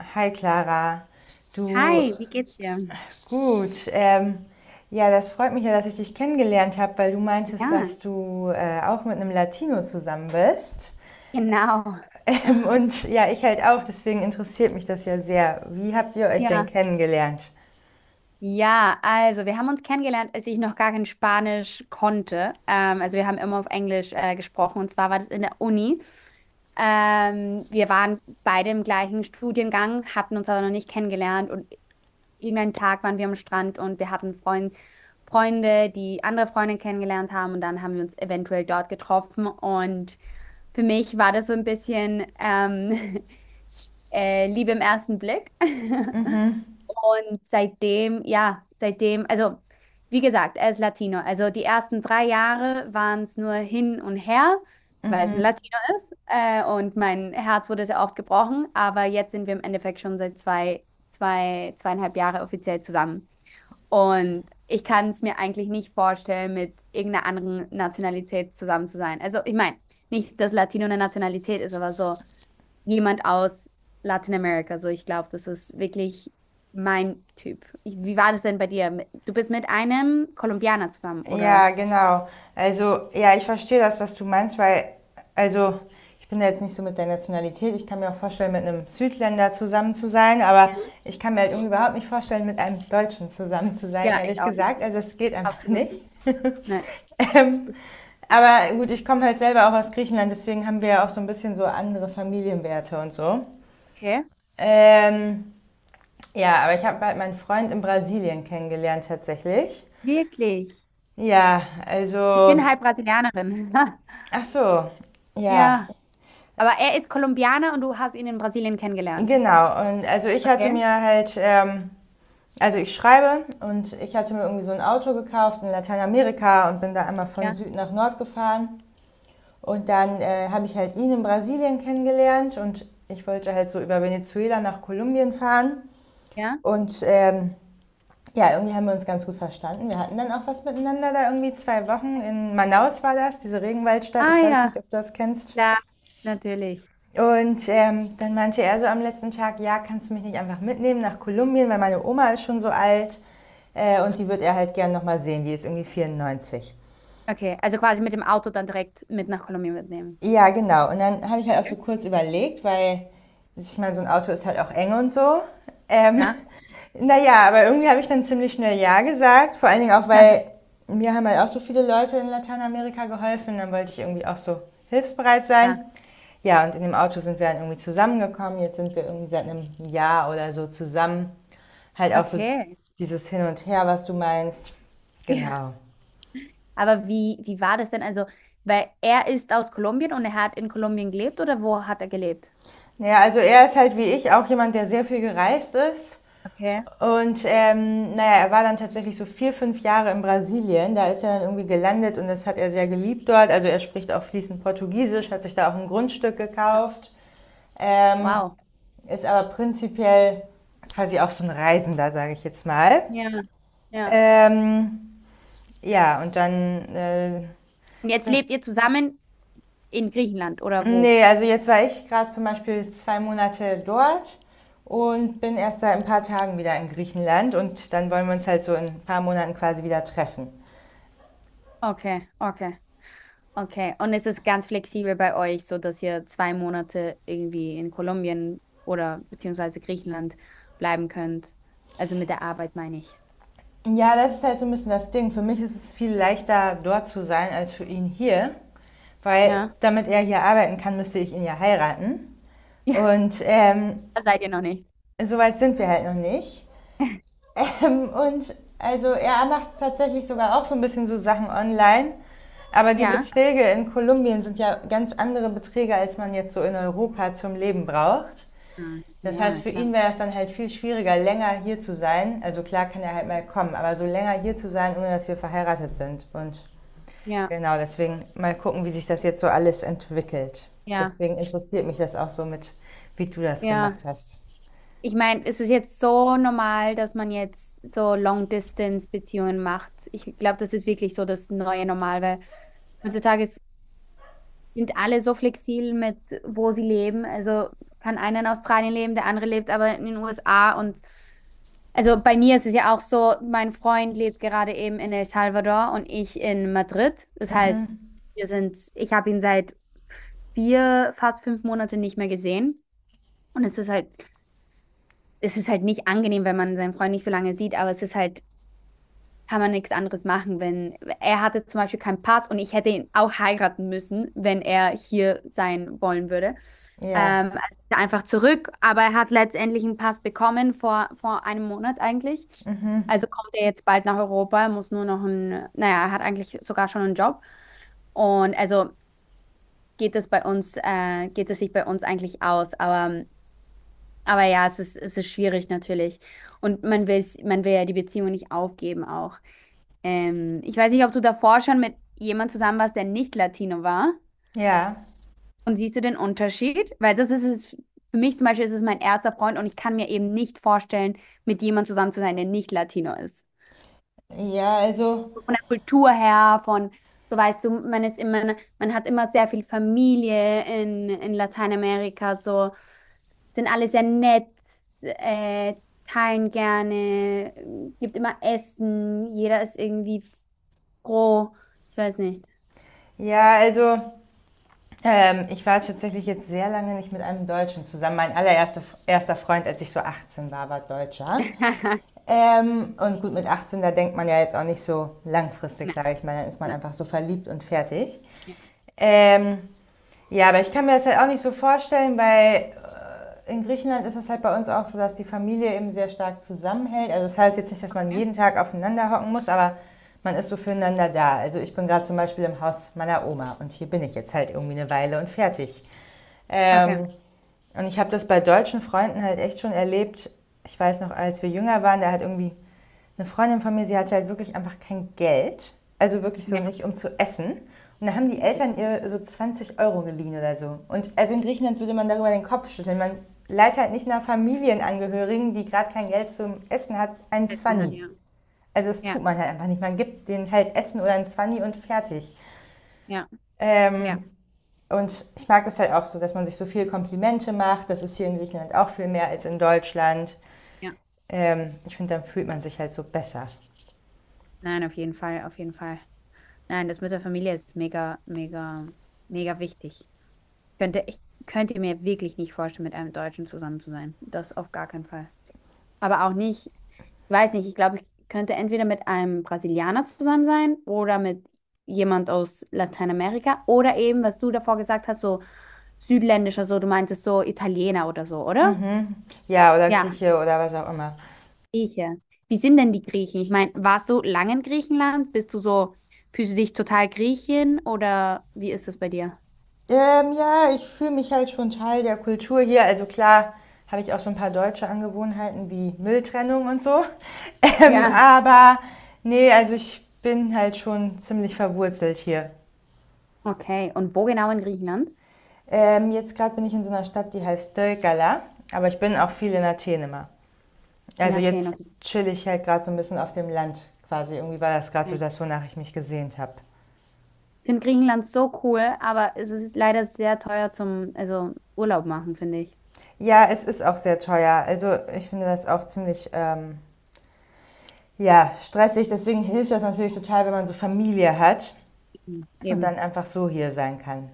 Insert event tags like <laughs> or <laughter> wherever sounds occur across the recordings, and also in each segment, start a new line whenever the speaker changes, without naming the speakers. Hi Clara, du.
Hi, wie geht's dir?
Gut. Ja, das freut mich ja, dass ich dich kennengelernt habe, weil du meintest,
Ja,
dass du auch mit einem Latino zusammen bist.
genau. <laughs>
Und ja, ich halt auch, deswegen interessiert mich das ja sehr. Wie habt ihr euch denn
Ja,
kennengelernt?
ja, also wir haben uns kennengelernt, als ich noch gar kein Spanisch konnte. Also wir haben immer auf Englisch gesprochen, und zwar war das in der Uni. Wir waren beide im gleichen Studiengang, hatten uns aber noch nicht kennengelernt, und irgendeinen Tag waren wir am Strand und wir hatten Freunde, die andere Freunde kennengelernt haben, und dann haben wir uns eventuell dort getroffen. Und für mich war das so ein bisschen <laughs> Liebe im ersten Blick. <laughs> Und seitdem, ja, seitdem, also wie gesagt, er ist Latino. Also die ersten drei Jahre waren es nur hin und her, weil es ein Latino ist. Und mein Herz wurde sehr oft gebrochen. Aber jetzt sind wir im Endeffekt schon seit zweieinhalb Jahre offiziell zusammen. Und ich kann es mir eigentlich nicht vorstellen, mit irgendeiner anderen Nationalität zusammen zu sein. Also ich meine, nicht, dass Latino eine Nationalität ist, aber so jemand aus Lateinamerika. So, ich glaube, das ist wirklich mein Typ. Wie war das denn bei dir? Du bist mit einem Kolumbianer zusammen,
Ja,
oder?
genau. Also, ja, ich verstehe das, was du meinst, weil, also, ich bin da jetzt nicht so mit der Nationalität. Ich kann mir auch vorstellen, mit einem Südländer zusammen zu sein, aber ich kann mir halt irgendwie überhaupt nicht vorstellen, mit einem Deutschen zusammen zu sein,
Ja, ich
ehrlich
auch nicht.
gesagt. Also, es geht einfach
Absolut
nicht.
nicht. Nein.
<laughs> ähm, aber gut, ich komme halt selber auch aus Griechenland, deswegen haben wir ja auch so ein bisschen so andere Familienwerte und so.
Okay.
Ähm, ja, aber ich habe halt meinen Freund in Brasilien kennengelernt tatsächlich.
Wirklich.
Ja,
Ich bin
also.
halb Brasilianerin. <laughs>
Ach so, ja,
Ja. Aber er ist Kolumbianer und du hast ihn in Brasilien kennengelernt.
genau. Und also ich hatte
Okay.
mir halt, also ich schreibe und ich hatte mir irgendwie so ein Auto gekauft in Lateinamerika und bin da einmal von
Ja.
Süd nach Nord gefahren. Und dann habe ich halt ihn in Brasilien kennengelernt und ich wollte halt so über Venezuela nach Kolumbien fahren.
Ja.
Und ja, irgendwie haben wir uns ganz gut verstanden. Wir hatten dann auch was miteinander da irgendwie 2 Wochen. In Manaus war das, diese Regenwaldstadt.
Ah
Ich weiß nicht,
ja.
ob du das kennst.
Klar. Natürlich.
Und dann meinte er so am letzten Tag, ja, kannst du mich nicht einfach mitnehmen nach Kolumbien, weil meine Oma ist schon so alt und die wird er halt gern nochmal sehen, die ist irgendwie 94.
Okay. Also quasi mit dem Auto dann direkt mit nach Kolumbien mitnehmen.
Ja, genau. Und dann habe ich halt auch so kurz überlegt, weil ich meine, so ein Auto ist halt auch eng und so. Ähm,
Ja.
<laughs> naja, aber irgendwie habe ich dann ziemlich schnell Ja gesagt. Vor allen Dingen auch, weil
<laughs>
mir haben halt auch so viele Leute in Lateinamerika geholfen. Dann wollte ich irgendwie auch so hilfsbereit sein.
Ja.
Ja, und in dem Auto sind wir dann irgendwie zusammengekommen. Jetzt sind wir irgendwie seit einem Jahr oder so zusammen. Halt auch so
Okay.
dieses Hin und Her, was du meinst.
<laughs>
Genau.
Aber wie war das denn? Also, weil er ist aus Kolumbien und er hat in Kolumbien gelebt, oder wo hat er gelebt?
Naja, also er ist halt wie ich auch jemand, der sehr viel gereist ist.
Okay.
Und naja, er war dann tatsächlich so 4, 5 Jahre in Brasilien. Da ist er dann irgendwie gelandet und das hat er sehr geliebt dort. Also er spricht auch fließend Portugiesisch, hat sich da auch ein Grundstück gekauft, ähm,
Wow.
ist aber prinzipiell quasi auch so ein Reisender, sage ich jetzt mal.
Ja, ja.
Ähm, ja, und dann,
Und jetzt lebt ihr zusammen in Griechenland oder wo?
nee, also jetzt war ich gerade zum Beispiel 2 Monate dort und bin erst seit ein paar Tagen wieder in Griechenland und dann wollen wir uns halt so in ein paar Monaten quasi wieder treffen.
Okay, okay, okay. Und es ist ganz flexibel bei euch, so dass ihr zwei Monate irgendwie in Kolumbien oder beziehungsweise Griechenland bleiben könnt. Also mit der Arbeit meine ich.
Ja, das ist halt so ein bisschen das Ding. Für mich ist es viel leichter, dort zu sein, als für ihn hier. Weil
Ja,
damit er hier arbeiten kann, müsste ich ihn ja heiraten.
ja,
Und
da seid ihr noch nicht.
so weit sind wir halt noch nicht.
<laughs>
Und also er macht tatsächlich sogar auch so ein bisschen so Sachen online. Aber die
Ja.
Beträge in Kolumbien sind ja ganz andere Beträge, als man jetzt so in Europa zum Leben braucht.
Ah,
Das heißt,
ja,
für ihn
klar.
wäre es dann halt viel schwieriger, länger hier zu sein. Also klar kann er halt mal kommen, aber so länger hier zu sein, ohne dass wir verheiratet sind. Und
Ja,
genau, deswegen mal gucken, wie sich das jetzt so alles entwickelt.
ja,
Deswegen interessiert mich das auch so mit, wie du das
ja.
gemacht hast.
Ich meine, es ist jetzt so normal, dass man jetzt so Long-Distance-Beziehungen macht. Ich glaube, das ist wirklich so das neue Normal, weil heutzutage sind alle so flexibel mit, wo sie leben. Also kann einer in Australien leben, der andere lebt aber in den USA. Und also bei mir ist es ja auch so, mein Freund lebt gerade eben in El Salvador und ich in Madrid. Das heißt, ich habe ihn seit vier, fast fünf Monate nicht mehr gesehen. Und es ist halt, es ist halt nicht angenehm, wenn man seinen Freund nicht so lange sieht, aber es ist halt, kann man nichts anderes machen, wenn, er hatte zum Beispiel keinen Pass und ich hätte ihn auch heiraten müssen, wenn er hier sein wollen würde.
Ja,
Also einfach zurück, aber er hat letztendlich einen Pass bekommen vor einem Monat eigentlich. Also kommt er jetzt bald nach Europa, muss nur noch ein, naja, er hat eigentlich sogar schon einen Job. Und also geht es bei uns, geht es sich bei uns eigentlich aus, aber ja, es ist schwierig natürlich. Und man will ja die Beziehung nicht aufgeben auch. Ich weiß nicht, ob du davor schon mit jemand zusammen warst, der nicht Latino war.
ja,
Und siehst du den Unterschied? Weil das ist es, für mich zum Beispiel ist es mein erster Freund und ich kann mir eben nicht vorstellen, mit jemandem zusammen zu sein, der nicht Latino ist.
ja, also,
Von der Kultur her, so weißt du, man ist immer, man hat immer sehr viel Familie in Lateinamerika, so. Sind alle sehr nett, äh, teilen gerne, gibt immer Essen, jeder ist irgendwie froh. Ich weiß nicht.
ja, also, ich war tatsächlich jetzt sehr lange nicht mit einem Deutschen zusammen. Mein allererster erster Freund, als ich so 18 war, war Deutscher.
<laughs>
Und gut, mit 18, da denkt man ja jetzt auch nicht so langfristig,
Nein,
sage ich mal. Dann ist man
nein,
einfach so verliebt und fertig.
ja,
Ähm, ja, aber ich kann mir das halt auch nicht so vorstellen, weil in Griechenland ist es halt bei uns auch so, dass die Familie eben sehr stark zusammenhält. Also das heißt jetzt nicht, dass man
ja,
jeden Tag aufeinander hocken muss, aber man ist so füreinander da. Also ich bin gerade zum Beispiel im Haus meiner Oma und hier bin ich jetzt halt irgendwie eine Weile und fertig.
okay.
Ähm, und ich habe das bei deutschen Freunden halt echt schon erlebt. Ich weiß noch, als wir jünger waren, da hat irgendwie eine Freundin von mir, sie hatte halt wirklich einfach kein Geld, also wirklich so
Ja.
nicht, um zu essen. Und da haben die
Oh,
Eltern ihr so 20 € geliehen oder so. Und also in Griechenland würde man darüber den Kopf schütteln. Man leiht halt nicht nach Familienangehörigen, die gerade kein Geld zum Essen hat, einen
Plätzchen
Zwanni.
hat ja.
Also das tut
Ja,
man halt einfach nicht. Man gibt denen halt Essen oder einen Zwanni und fertig.
ja, ja,
Ähm, und ich mag es halt auch so, dass man sich so viel Komplimente macht. Das ist hier in Griechenland auch viel mehr als in Deutschland.
ja.
Ich finde, dann fühlt man sich halt so besser.
Nein, auf jeden Fall, auf jeden Fall. Nein, das mit der Familie ist mega, mega, mega wichtig. Ich könnte mir wirklich nicht vorstellen, mit einem Deutschen zusammen zu sein. Das auf gar keinen Fall. Aber auch nicht, weiß nicht, ich glaube, ich könnte entweder mit einem Brasilianer zusammen sein oder mit jemand aus Lateinamerika, oder eben, was du davor gesagt hast, so südländischer, so du meintest so Italiener oder so, oder?
Ja, oder
Ja,
Grieche oder was auch immer.
Grieche. Wie sind denn die Griechen? Ich meine, warst du lange in Griechenland? Bist du so, fühlst du dich total Griechin oder wie ist das bei dir?
Ja, ich fühle mich halt schon Teil der Kultur hier. Also klar habe ich auch so ein paar deutsche Angewohnheiten wie Mülltrennung und so. <laughs>
Ja.
Aber nee, also ich bin halt schon ziemlich verwurzelt hier.
Okay, und wo genau in Griechenland?
Jetzt gerade bin ich in so einer Stadt, die heißt Dölgala, aber ich bin auch viel in Athen immer.
In
Also
Athen,
jetzt chill ich halt gerade so ein bisschen auf dem Land quasi. Irgendwie war das gerade so
okay.
das, wonach ich mich gesehnt habe.
Finde Griechenland so cool, aber es ist leider sehr teuer zum, also Urlaub machen, finde ich.
Ja, es ist auch sehr teuer. Also ich finde das auch ziemlich ja, stressig. Deswegen hilft das natürlich total, wenn man so Familie hat
Mhm.
und
Eben.
dann einfach so hier sein kann.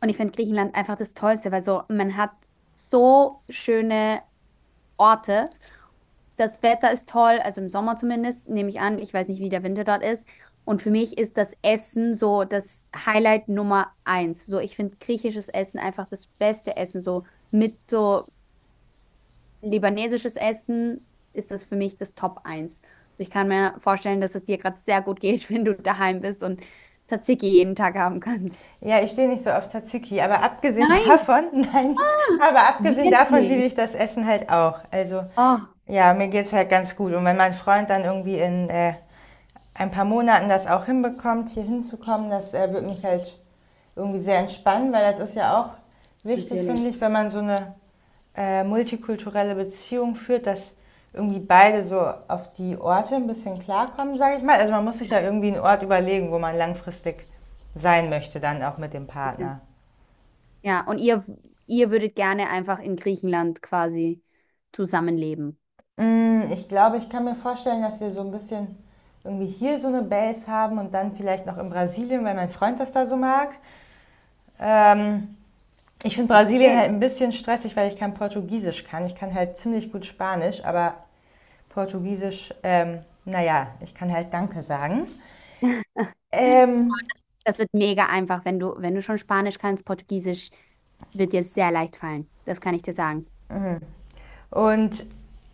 Und ich finde Griechenland einfach das Tollste, weil so, man hat so schöne Orte. Das Wetter ist toll, also im Sommer zumindest, nehme ich an. Ich weiß nicht, wie der Winter dort ist. Und für mich ist das Essen so das Highlight Nummer eins. So, ich finde griechisches Essen einfach das beste Essen. So mit so libanesisches Essen ist das für mich das Top eins. Also ich kann mir vorstellen, dass es dir gerade sehr gut geht, <laughs> wenn du daheim bist und Tzatziki jeden Tag haben kannst.
Ja, ich stehe nicht so auf Tzatziki, aber abgesehen <laughs>
Nein,
davon, nein, aber abgesehen davon liebe
wirklich.
ich das Essen halt auch. Also
Oh,
ja, mir geht's halt ganz gut. Und wenn mein Freund dann irgendwie in ein paar Monaten das auch hinbekommt, hier hinzukommen, das wird mich halt irgendwie sehr entspannen, weil das ist ja auch wichtig, finde
natürlich.
ich, wenn man so eine multikulturelle Beziehung führt, dass irgendwie beide so auf die Orte ein bisschen klarkommen, sage ich mal. Also man muss sich
Ja,
ja irgendwie einen Ort überlegen, wo man langfristig sein möchte, dann auch mit dem
okay.
Partner.
Ja, und ihr würdet gerne einfach in Griechenland quasi zusammenleben.
Ich glaube, ich kann mir vorstellen, dass wir so ein bisschen irgendwie hier so eine Base haben und dann vielleicht noch in Brasilien, weil mein Freund das da so mag. Ähm, Ich finde Brasilien
Okay.
halt ein bisschen stressig, weil ich kein Portugiesisch kann. Ich kann halt ziemlich gut Spanisch, aber Portugiesisch, naja, ich kann halt Danke sagen.
<laughs>
Ähm,
Das wird mega einfach, wenn du, wenn du schon Spanisch kannst, Portugiesisch wird dir sehr leicht fallen. Das kann ich dir sagen.
und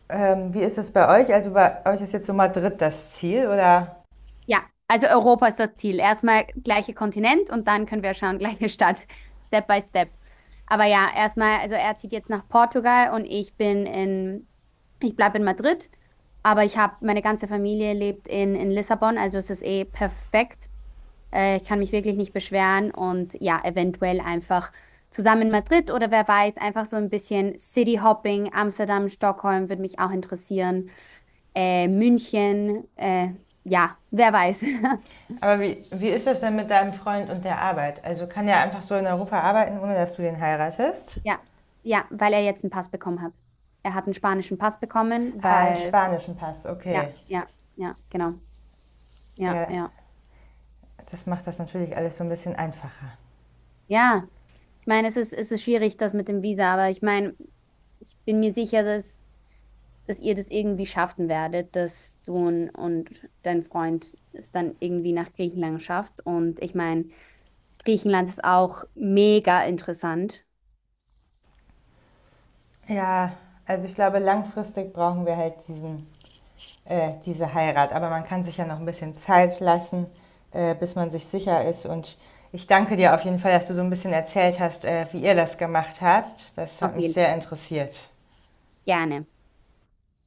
wie ist das bei euch? Also bei euch ist jetzt so Madrid das Ziel, oder?
Ja, also Europa ist das Ziel. Erstmal gleiche Kontinent und dann können wir schauen, gleiche Stadt, <laughs> Step by Step. Aber ja, erstmal, also er zieht jetzt nach Portugal und ich bin ich bleibe in Madrid, aber ich habe, meine ganze Familie lebt in Lissabon, also es ist eh perfekt. Ich kann mich wirklich nicht beschweren, und ja, eventuell einfach zusammen in Madrid oder wer weiß, einfach so ein bisschen City Hopping, Amsterdam, Stockholm würde mich auch interessieren, München, ja, wer weiß. <laughs>
Aber wie ist das denn mit deinem Freund und der Arbeit? Also kann er einfach so in Europa arbeiten, ohne dass du den heiratest?
Ja, ja, weil er jetzt einen Pass bekommen hat. Er hat einen spanischen Pass bekommen,
Ah, einen
weil,
spanischen Pass,
ja,
okay.
ja, ja, genau. Ja,
Ja,
ja.
das macht das natürlich alles so ein bisschen einfacher.
Ja, ich meine, es ist schwierig, das mit dem Visa, aber ich meine, ich bin mir sicher, dass ihr das irgendwie schaffen werdet, dass du und dein Freund es dann irgendwie nach Griechenland schafft. Und ich meine, Griechenland ist auch mega interessant.
Ja, also ich glaube, langfristig brauchen wir halt diesen diese Heirat. Aber man kann sich ja noch ein bisschen Zeit lassen, bis man sich sicher ist. Und ich danke dir auf jeden Fall, dass du so ein bisschen erzählt hast, wie ihr das gemacht habt. Das hat
Auf
mich
jeden
sehr
Fall.
interessiert.
Gerne.